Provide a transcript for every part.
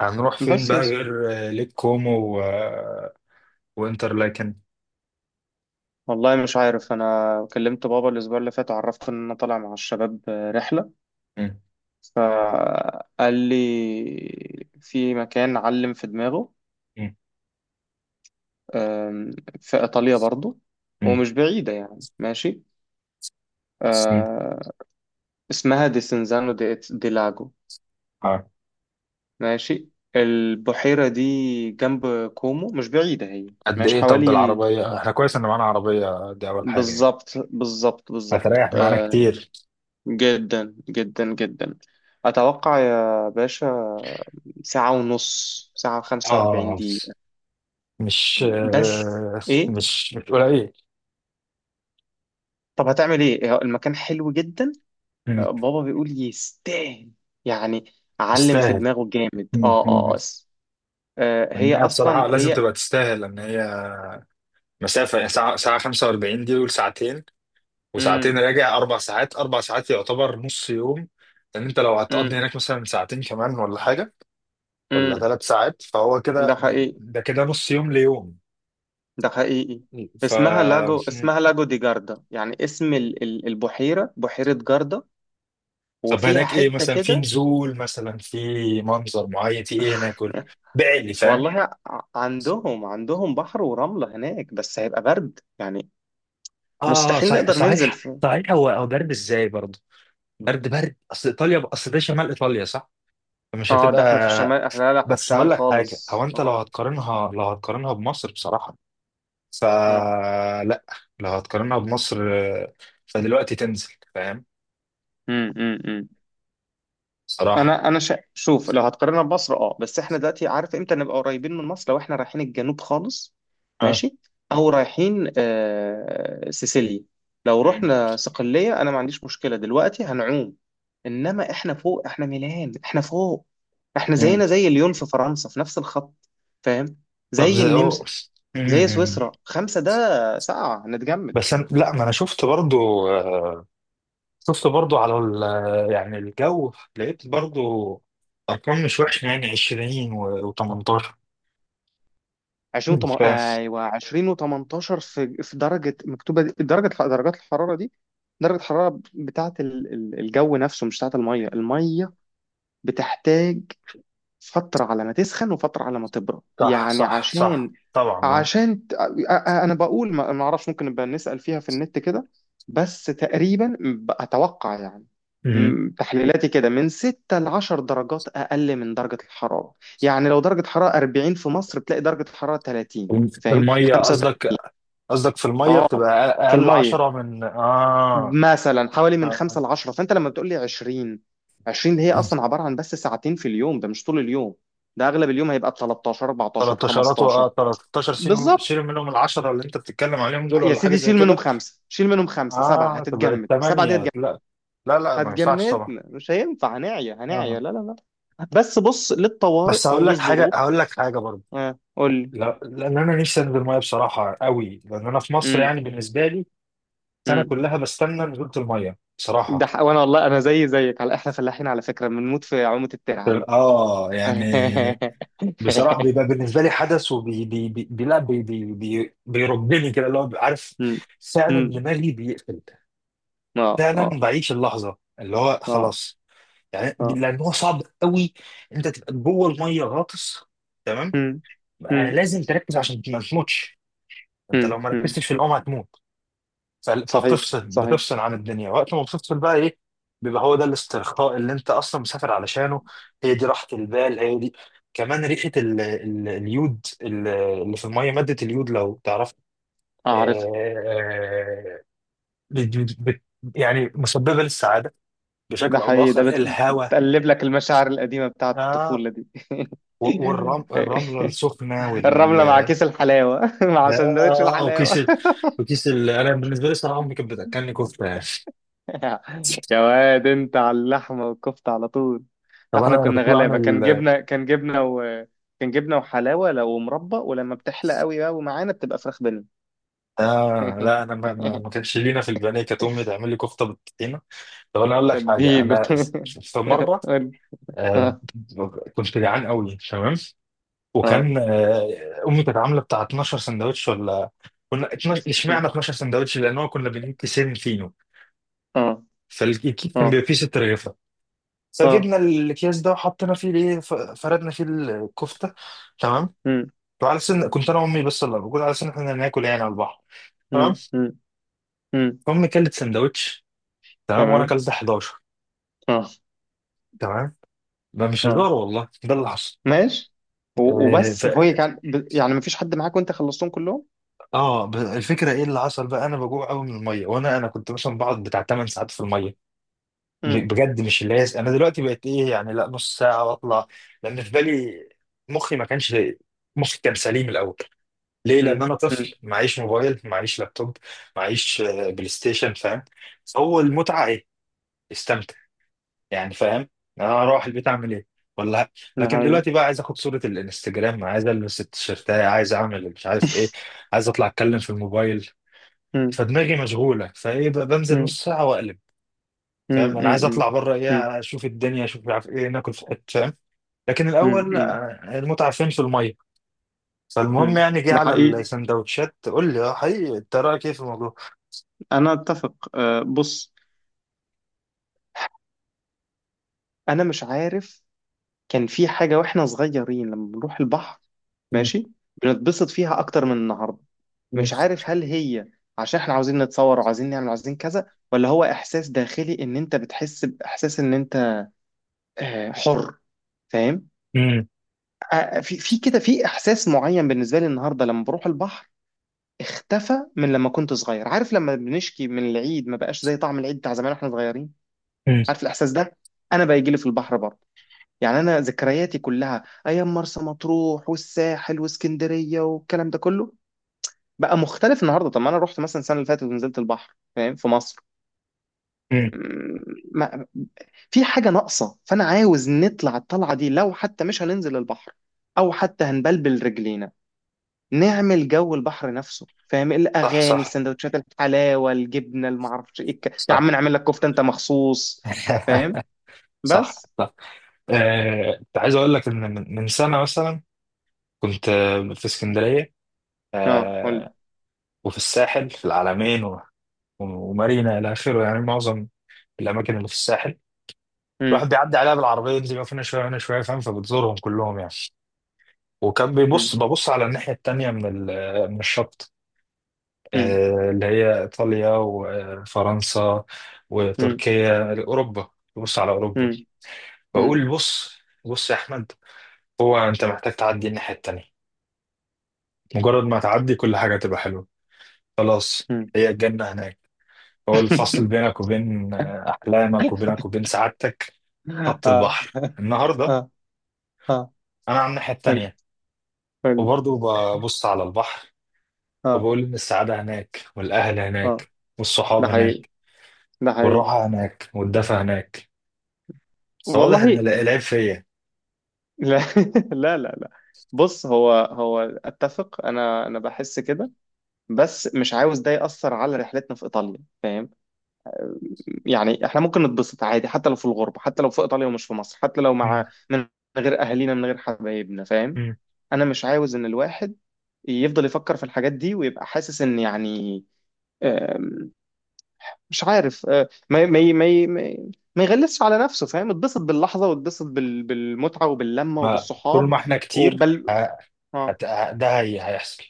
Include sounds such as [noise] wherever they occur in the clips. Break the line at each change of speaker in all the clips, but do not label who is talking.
هنروح فين
بس
بقى؟
يا سيدي.
غير ليك كومو، و وانترلاكن.
والله مش عارف، انا كلمت بابا الاسبوع اللي فات وعرفته ان انا طالع مع الشباب رحله.
مم.
فقال لي في مكان علم في دماغه،
مم.
أم، في ايطاليا برضو
مم.
ومش بعيده، يعني ماشي.
مم.
أه، اسمها دي سنزانو دي لاجو.
آه.
ماشي، البحيره دي جنب كومو، مش بعيده هي.
قد
ماشي
ايه؟ طب
حوالي،
بالعربية احنا كويس ان معانا عربية، دي اول حاجة يعني.
بالظبط بالظبط بالظبط.
هتريح معانا كتير.
جدا جدا جدا. أتوقع يا باشا ساعة ونص، ساعة وخمسة وأربعين
اه،
دقيقة
مش
بس. إيه؟
مش قليل.
طب هتعمل إيه؟ هو المكان حلو جدا.
مم.
بابا بيقول يستاهل يعني، علم في
يستاهل.
دماغه جامد.
مم. مم. لان
هي
هي بصراحة
أصلا
لازم
هي.
تبقى تستاهل، لان هي مسافة يعني ساعة 45، دي وساعتين
مم
راجع، اربع ساعات. اربع ساعات يعتبر نص يوم، لان انت لو هتقضي
مم
هناك مثلا ساعتين كمان ولا حاجة، ولا
مم.
ثلاث ساعات، فهو
ده
كده.
حقيقي
ده كده نص يوم ليوم.
ده حقيقي.
ف
اسمها لاجو، اسمها لاجو دي جاردا، يعني اسم البحيرة، بحيرة جاردا.
طب
وفيها
هناك ايه
حتة
مثلا؟ في
كده.
نزول مثلا، في منظر معين، في ايه هناك؟ قول بعلي فاهم.
والله عندهم بحر ورملة هناك بس هيبقى برد، يعني
اه،
مستحيل
صحيح،
نقدر ننزل
صحيح،
فيه.
صحيح. هو برد ازاي برضه؟ برد، برد. اصل ايطاليا، اصل ده شمال ايطاليا، صح؟ مش
اه، ده احنا في
هتبقى.
الشمال، احنا لا لا، احنا في
بس
الشمال
هقول لك حاجه. هو
خالص.
انت لو
اه
هتقارنها، بمصر بصراحه،
اه.
فلا. لو هتقارنها بمصر، فدلوقتي تنزل فاهم،
امم.
صراحه.
انا شوف، لو هتقارنها بمصر، اه، بس احنا دلوقتي عارف امتى نبقى قريبين من مصر؟ لو احنا رايحين الجنوب خالص،
اه.
ماشي، او رايحين سيسيليا. لو رحنا صقلية انا ما عنديش مشكلة، دلوقتي هنعوم. انما احنا فوق، احنا ميلان، احنا فوق. احنا زينا زي ليون في فرنسا، في نفس الخط، فاهم.
طب
زي
زي
النمسا، زي
مم.
سويسرا. خمسة ده، ساعة هنتجمد.
لا، ما انا شفت برضو شفت برضو على ال... آه، يعني الجو لقيت برضو ارقام مش وحشه، يعني 20 و18.
ايوه، 20 و18. في درجه مكتوبه، درجه، درجات الحراره دي، درجه الحراره بتاعه الجو نفسه، مش بتاعه الميه. الميه بتحتاج فترة على ما تسخن وفترة على ما تبرد،
صح،
يعني
صح، صح،
عشان
طبعا. اه.
انا بقول ما اعرفش، ممكن نبقى نسأل فيها في النت كده، بس تقريبا اتوقع، يعني
مم.
تحليلاتي كده من 6 ل 10 درجات اقل من درجة الحرارة. يعني لو درجة حرارة 40 في مصر، بتلاقي درجة حرارة 30،
في
فاهم؟
الميه قصدك
35.
قصدك في الميه
اه،
بتبقى اقل.
في
أقل
المية
10 من
مثلا حوالي من
آه.
خمسة لعشرة. فانت لما بتقول لي 20، 20 دي هي اصلا عباره عن بس ساعتين في اليوم، ده مش طول اليوم. ده اغلب اليوم هيبقى ب 13 14
13
15.
13. شيلوا شيلوا
بالظبط.
منهم ال 10 اللي انت بتتكلم عليهم دول،
يا
ولا حاجه
سيدي
زي
شيل منهم
كده.
خمسه، شيل منهم خمسه سبعه،
اه، تبقى
هتتجمد. سبعه دي
8.
هتجمد،
لا، لا، لا، ما ينفعش طبعا.
هتجمدنا، مش هينفع، هنعيا هنعيا،
اه.
لا لا. لا بس بص للطوارئ
بس
او
هقول لك حاجه،
للظروف.
هقول لك حاجه برضه.
آه، قول لي.
لا، لان انا نفسي انزل ميه بصراحه قوي. لان انا في مصر
امم
يعني بالنسبه لي، السنه
امم.
كلها بستنى نزوله الميه بصراحه.
وانا والله انا زي زيك، على احنا فلاحين على فكره، بنموت في عومه الترعه دي.
اه يعني،
[laughs]
بصراحه بيبقى بالنسبه لي حدث، وبي بي بي بي لا بي بي بي بيربني كده، اللي هو عارف.
أمم.
فعلا
أمم.
دماغي بيقفل.
اه
فعلا
اه
بعيش اللحظه، اللي هو
اه
خلاص يعني.
اه.
لان هو صعب قوي، انت تبقى جوه الميه غاطس، تمام.
امم امم
لازم تركز عشان ما تموتش. انت لو ما
امم.
ركزتش في الأم هتموت.
صحيح
فبتفصل
صحيح.
بتفصل عن الدنيا، وقت ما بتفصل بقى ايه، بيبقى هو ده الاسترخاء اللي انت اصلا مسافر علشانه. هي دي راحة البال، هي دي. كمان ريحة اليود، اللي في المية، مادة اليود لو تعرف. آه،
اعرف.
آه، بت... بت... بت- يعني مسببة للسعادة
ده
بشكل او
حقيقي.
باخر، الهواء.
بتقلب لك المشاعر القديمة بتاعت
آه
الطفولة دي.
والرمل، الرملة
[laughs]
السخنة،
الرملة مع كيس الحلاوة. [laughs] مع سندوتش
وكيس
الحلاوة.
انا بالنسبة لي الصراحة امي كانت بتاكلني كفتة يعني.
[laughs] يا واد انت على اللحمة والكفتة على طول. ده
طب انا
احنا
أنا
كنا
كنت
غلابة،
بعمل
كان جبنة، كان جبنة و كان جبنة وحلاوة، لو مربى، ولما بتحلى قوي بقى ومعانا بتبقى فراخ بني.
لا،
[laughs]
أنا ما كانش لينا في البنية. كانت أمي تعمل لي كفتة بالطحينة. طب أنا أقول لك حاجة.
اديله.
أنا
[laughs]
في مرة، آه
اه
كنت جعان قوي، تمام.
اه
وكان أمي كانت عاملة بتاع 12 سندوتش، ولا كنا 12. اشمعنى 12 سندوتش؟ لأن هو كنا بنجيب كيسين فينو،
اه
فالكيس كان
اه
بيبقى فيه ست رغيفة،
اه.
فجبنا الأكياس ده وحطينا فيه الإيه، فردنا فيه الكفتة، تمام.
امم
وعلى سن كنت أنا وأمي بس اللي موجود على سن، إحنا ناكل يعني على البحر،
امم
تمام.
امم امم.
فأمي كلت سندوتش، تمام، وانا
تمام.
كلت 11.
اه
تمام. ما مش
اه.
هزار والله، ده اللي حصل.
ماشي.
آه ف...
وبس، هو كان يعني مفيش حد معاك وانت خلصتهم كلهم.
اه، الفكره ايه اللي حصل بقى، انا بجوع قوي من الميه، وانا كنت مثلا بقعد بتاع 8 ساعات في الميه.
امم
بجد، مش اللي هي انا دلوقتي بقيت ايه يعني، لا، نص ساعه واطلع. لان في بالي، مخي ما كانش، مخي كان سليم الاول. ليه؟ لان انا طفل،
امم.
معيش موبايل، معيش لابتوب، معيش بلاي ستيشن، فاهم. فهو المتعه ايه؟ استمتع. يعني فاهم، انا اروح البيت اعمل ايه؟ ولا،
ده
لكن
حقيقي.
دلوقتي بقى عايز اخد صورة الانستجرام، عايز البس التيشيرتاية، عايز اعمل مش عارف ايه، عايز اطلع اتكلم في الموبايل.
امم
فدماغي مشغولة فايه بقى، بنزل
امم
نص ساعة واقلب.
امم
فاهم، انا عايز
امم
اطلع بره
امم
ايه، اشوف الدنيا، اشوف مش عارف ايه، ناكل في حتة، فاهم. لكن
امم
الاول
امم
المتعة فين؟ في المية. فالمهم
امم.
يعني
[laughs]
جه
ده
على
حقيقي.
السندوتشات، قول لي اه، حقيقي انت رايك ايه في الموضوع؟
انا اتفق. بص، انا مش عارف. كان في حاجه واحنا صغيرين لما بنروح البحر،
مم.
ماشي، بنتبسط فيها اكتر من النهارده.
مم.
مش عارف هل هي عشان احنا عاوزين نتصور وعاوزين نعمل وعاوزين كذا، ولا هو احساس داخلي ان انت بتحس باحساس ان انت حر، فاهم.
مم.
في كده في احساس معين بالنسبه لي النهارده لما بروح البحر، اختفى من لما كنت صغير. عارف لما بنشكي من العيد ما بقاش زي طعم العيد بتاع زمان واحنا صغيرين؟ عارف الاحساس ده؟ انا بيجي لي في البحر برضه. يعني انا ذكرياتي كلها ايام مرسى مطروح والساحل واسكندريه والكلام ده كله، بقى مختلف النهارده. طب ما انا رحت مثلا السنه اللي فاتت ونزلت البحر، فاهم، في مصر،
مم.
ما في حاجة ناقصة. فأنا عاوز نطلع الطلعة دي، لو حتى مش هننزل البحر، أو حتى هنبلبل رجلينا، نعمل جو البحر نفسه، فاهم.
صح،
الأغاني،
صح،
السندوتشات، الحلاوة، الجبنة، المعرفش إيه، يا عم
صح.
نعمل لك كفتة أنت مخصوص. فاهم.
[laughs] صح،
بس.
صح. كنت عايز اقول لك ان، من سنه مثلا، كنت في اسكندريه،
اه، قول لي.
آه، وفي الساحل، في العلمين ومارينا، الى اخره يعني معظم الاماكن اللي في الساحل،
مم،
الواحد بيعدي عليها بالعربيه، ينزل يقف هنا شويه هنا شويه، فاهم. فبتزورهم كلهم يعني. وكان بيبص
مم،
ببص على الناحيه التانيه من من الشط،
مم،
اللي هي ايطاليا وفرنسا
مم،
وتركيا، اوروبا. ببص على
مم،
اوروبا،
مم،
بقول بص، بص يا احمد، هو انت محتاج تعدي الناحيه التانيه. مجرد ما تعدي، كل حاجة تبقى حلوة، خلاص
مم.
هي الجنة هناك. هو الفصل
[laughs]
بينك وبين أحلامك، وبينك وبين سعادتك، خط
اه
البحر النهاردة.
اه اه.
أنا على الناحية
قول
التانية،
قول.
وبرضه ببص على البحر،
اه
وبقول إن السعادة هناك، والأهل
اه.
هناك، والصحاب
ده حقيقي
هناك،
ده حقيقي.
والراحة هناك، والدفى هناك. فواضح
والله.
إن العيب فيا.
لا. [laughs] لا لا لا. بص، هو اتفق، انا بحس كده، بس مش عاوز ده ياثر على رحلتنا في ايطاليا، فاهم. يعني احنا ممكن نتبسط عادي حتى لو في الغربه، حتى لو في ايطاليا ومش في مصر، حتى لو
مم.
مع من غير اهالينا، من غير حبايبنا، فاهم.
مم.
انا مش عاوز ان الواحد يفضل يفكر في الحاجات دي ويبقى حاسس ان، يعني آم، مش عارف، ما يغلسش على نفسه، فاهم. اتبسط باللحظه، واتبسط بالمتعه وباللمه
ما طول
وبالصحاب
ما إحنا كتير،
وبال.
ه-
اه،
ده هي هيحصل،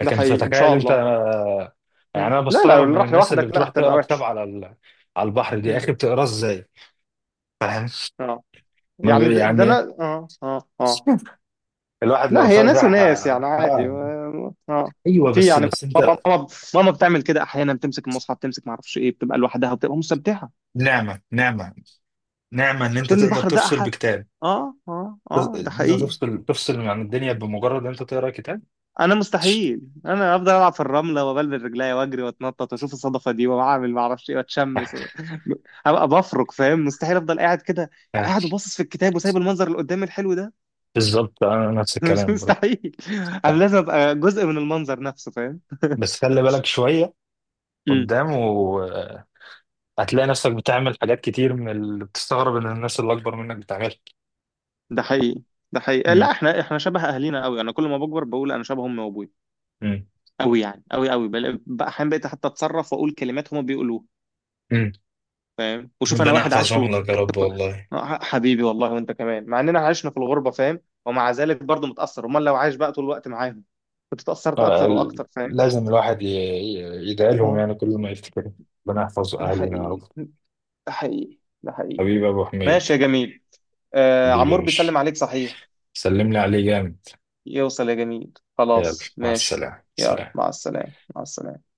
ده
لكن
حقيقي ان
تتخيل
شاء
انت
الله.
يعني،
مم.
انا
لا لا،
بستغرب
لو
من
راح
الناس اللي
لوحدك لا،
بتروح
هتبقى
تقرا كتاب
وحش.
على على البحر دي، يا
مم.
اخي بتقراه ازاي؟ فاهم.
اه
ما
يعني
بي-
ده انا
يعني
اه اه اه.
[laughs] الواحد لو
لا، هي ناس
فتح
وناس، يعني عادي. اه. آه.
ايوه،
في
بس
يعني
بس
ماما
انت.
ماما ماما بتعمل كده احيانا، بتمسك المصحف، بتمسك ما اعرفش ايه، بتبقى لوحدها وبتبقى مستمتعه.
نعمه، نعمه، نعمه ان انت
تقول
تقدر
البحر ده
تفصل
احد.
بكتاب.
اه اه اه. ده
ان انت
حقيقي.
تفصل عن الدنيا بمجرد ان انت تقرا كتاب.
انا مستحيل، انا افضل العب في الرمله وبلبس رجليا واجري واتنطط واشوف الصدفه دي واعمل ما اعرفش ايه واتشمس و... [laughs] هبقى بفرك، فاهم. مستحيل افضل قاعد كده،
آه،
قاعد وباصص في الكتاب وسايب المنظر اللي قدامي الحلو ده.
بالظبط، انا نفس
[laughs] مش
الكلام برضه.
مستحيل. انا لازم ابقى جزء من المنظر نفسه، فاهم.
بس خلي بالك شويه
امم.
قدام، وهتلاقي نفسك بتعمل حاجات كتير من اللي بتستغرب ان الناس اللي اكبر منك بتعملها.
ده حقيقي ده حقيقي. لا،
مم.
احنا شبه اهالينا قوي. انا كل ما بكبر بقول انا شبه امي وابوي
مم.
قوي، يعني قوي قوي، بقى احيانا بقيت حتى اتصرف واقول كلمات هما بيقولوها،
مم.
فاهم. وشوف انا
ربنا
واحد عاش في الغربه
يحفظهم لك يا
حتى
رب، والله.
حبيبي، والله وانت كمان مع اننا عشنا في الغربه فاهم، ومع ذلك برضه متاثر، امال لو عايش بقى طول الوقت معاهم كنت اتاثرت اكتر واكتر، فاهم.
لازم الواحد يدعي لهم
اه.
يعني كل ما يفتكر، ربنا يحفظ
ده
أهلنا يا رب.
حقيقي ده حقيقي ده حقيقي.
حبيبي يا أبو حميد.
ماشي يا جميل. آه،
حبيبي يا
عمور
باشا،
بيسلم عليك صحيح.
سلم لي عليه جامد.
يوصل يا جميل.
يلا،
خلاص
مع
ماشي.
السلامة،
يلا
سلام.
مع السلامه، مع السلامه.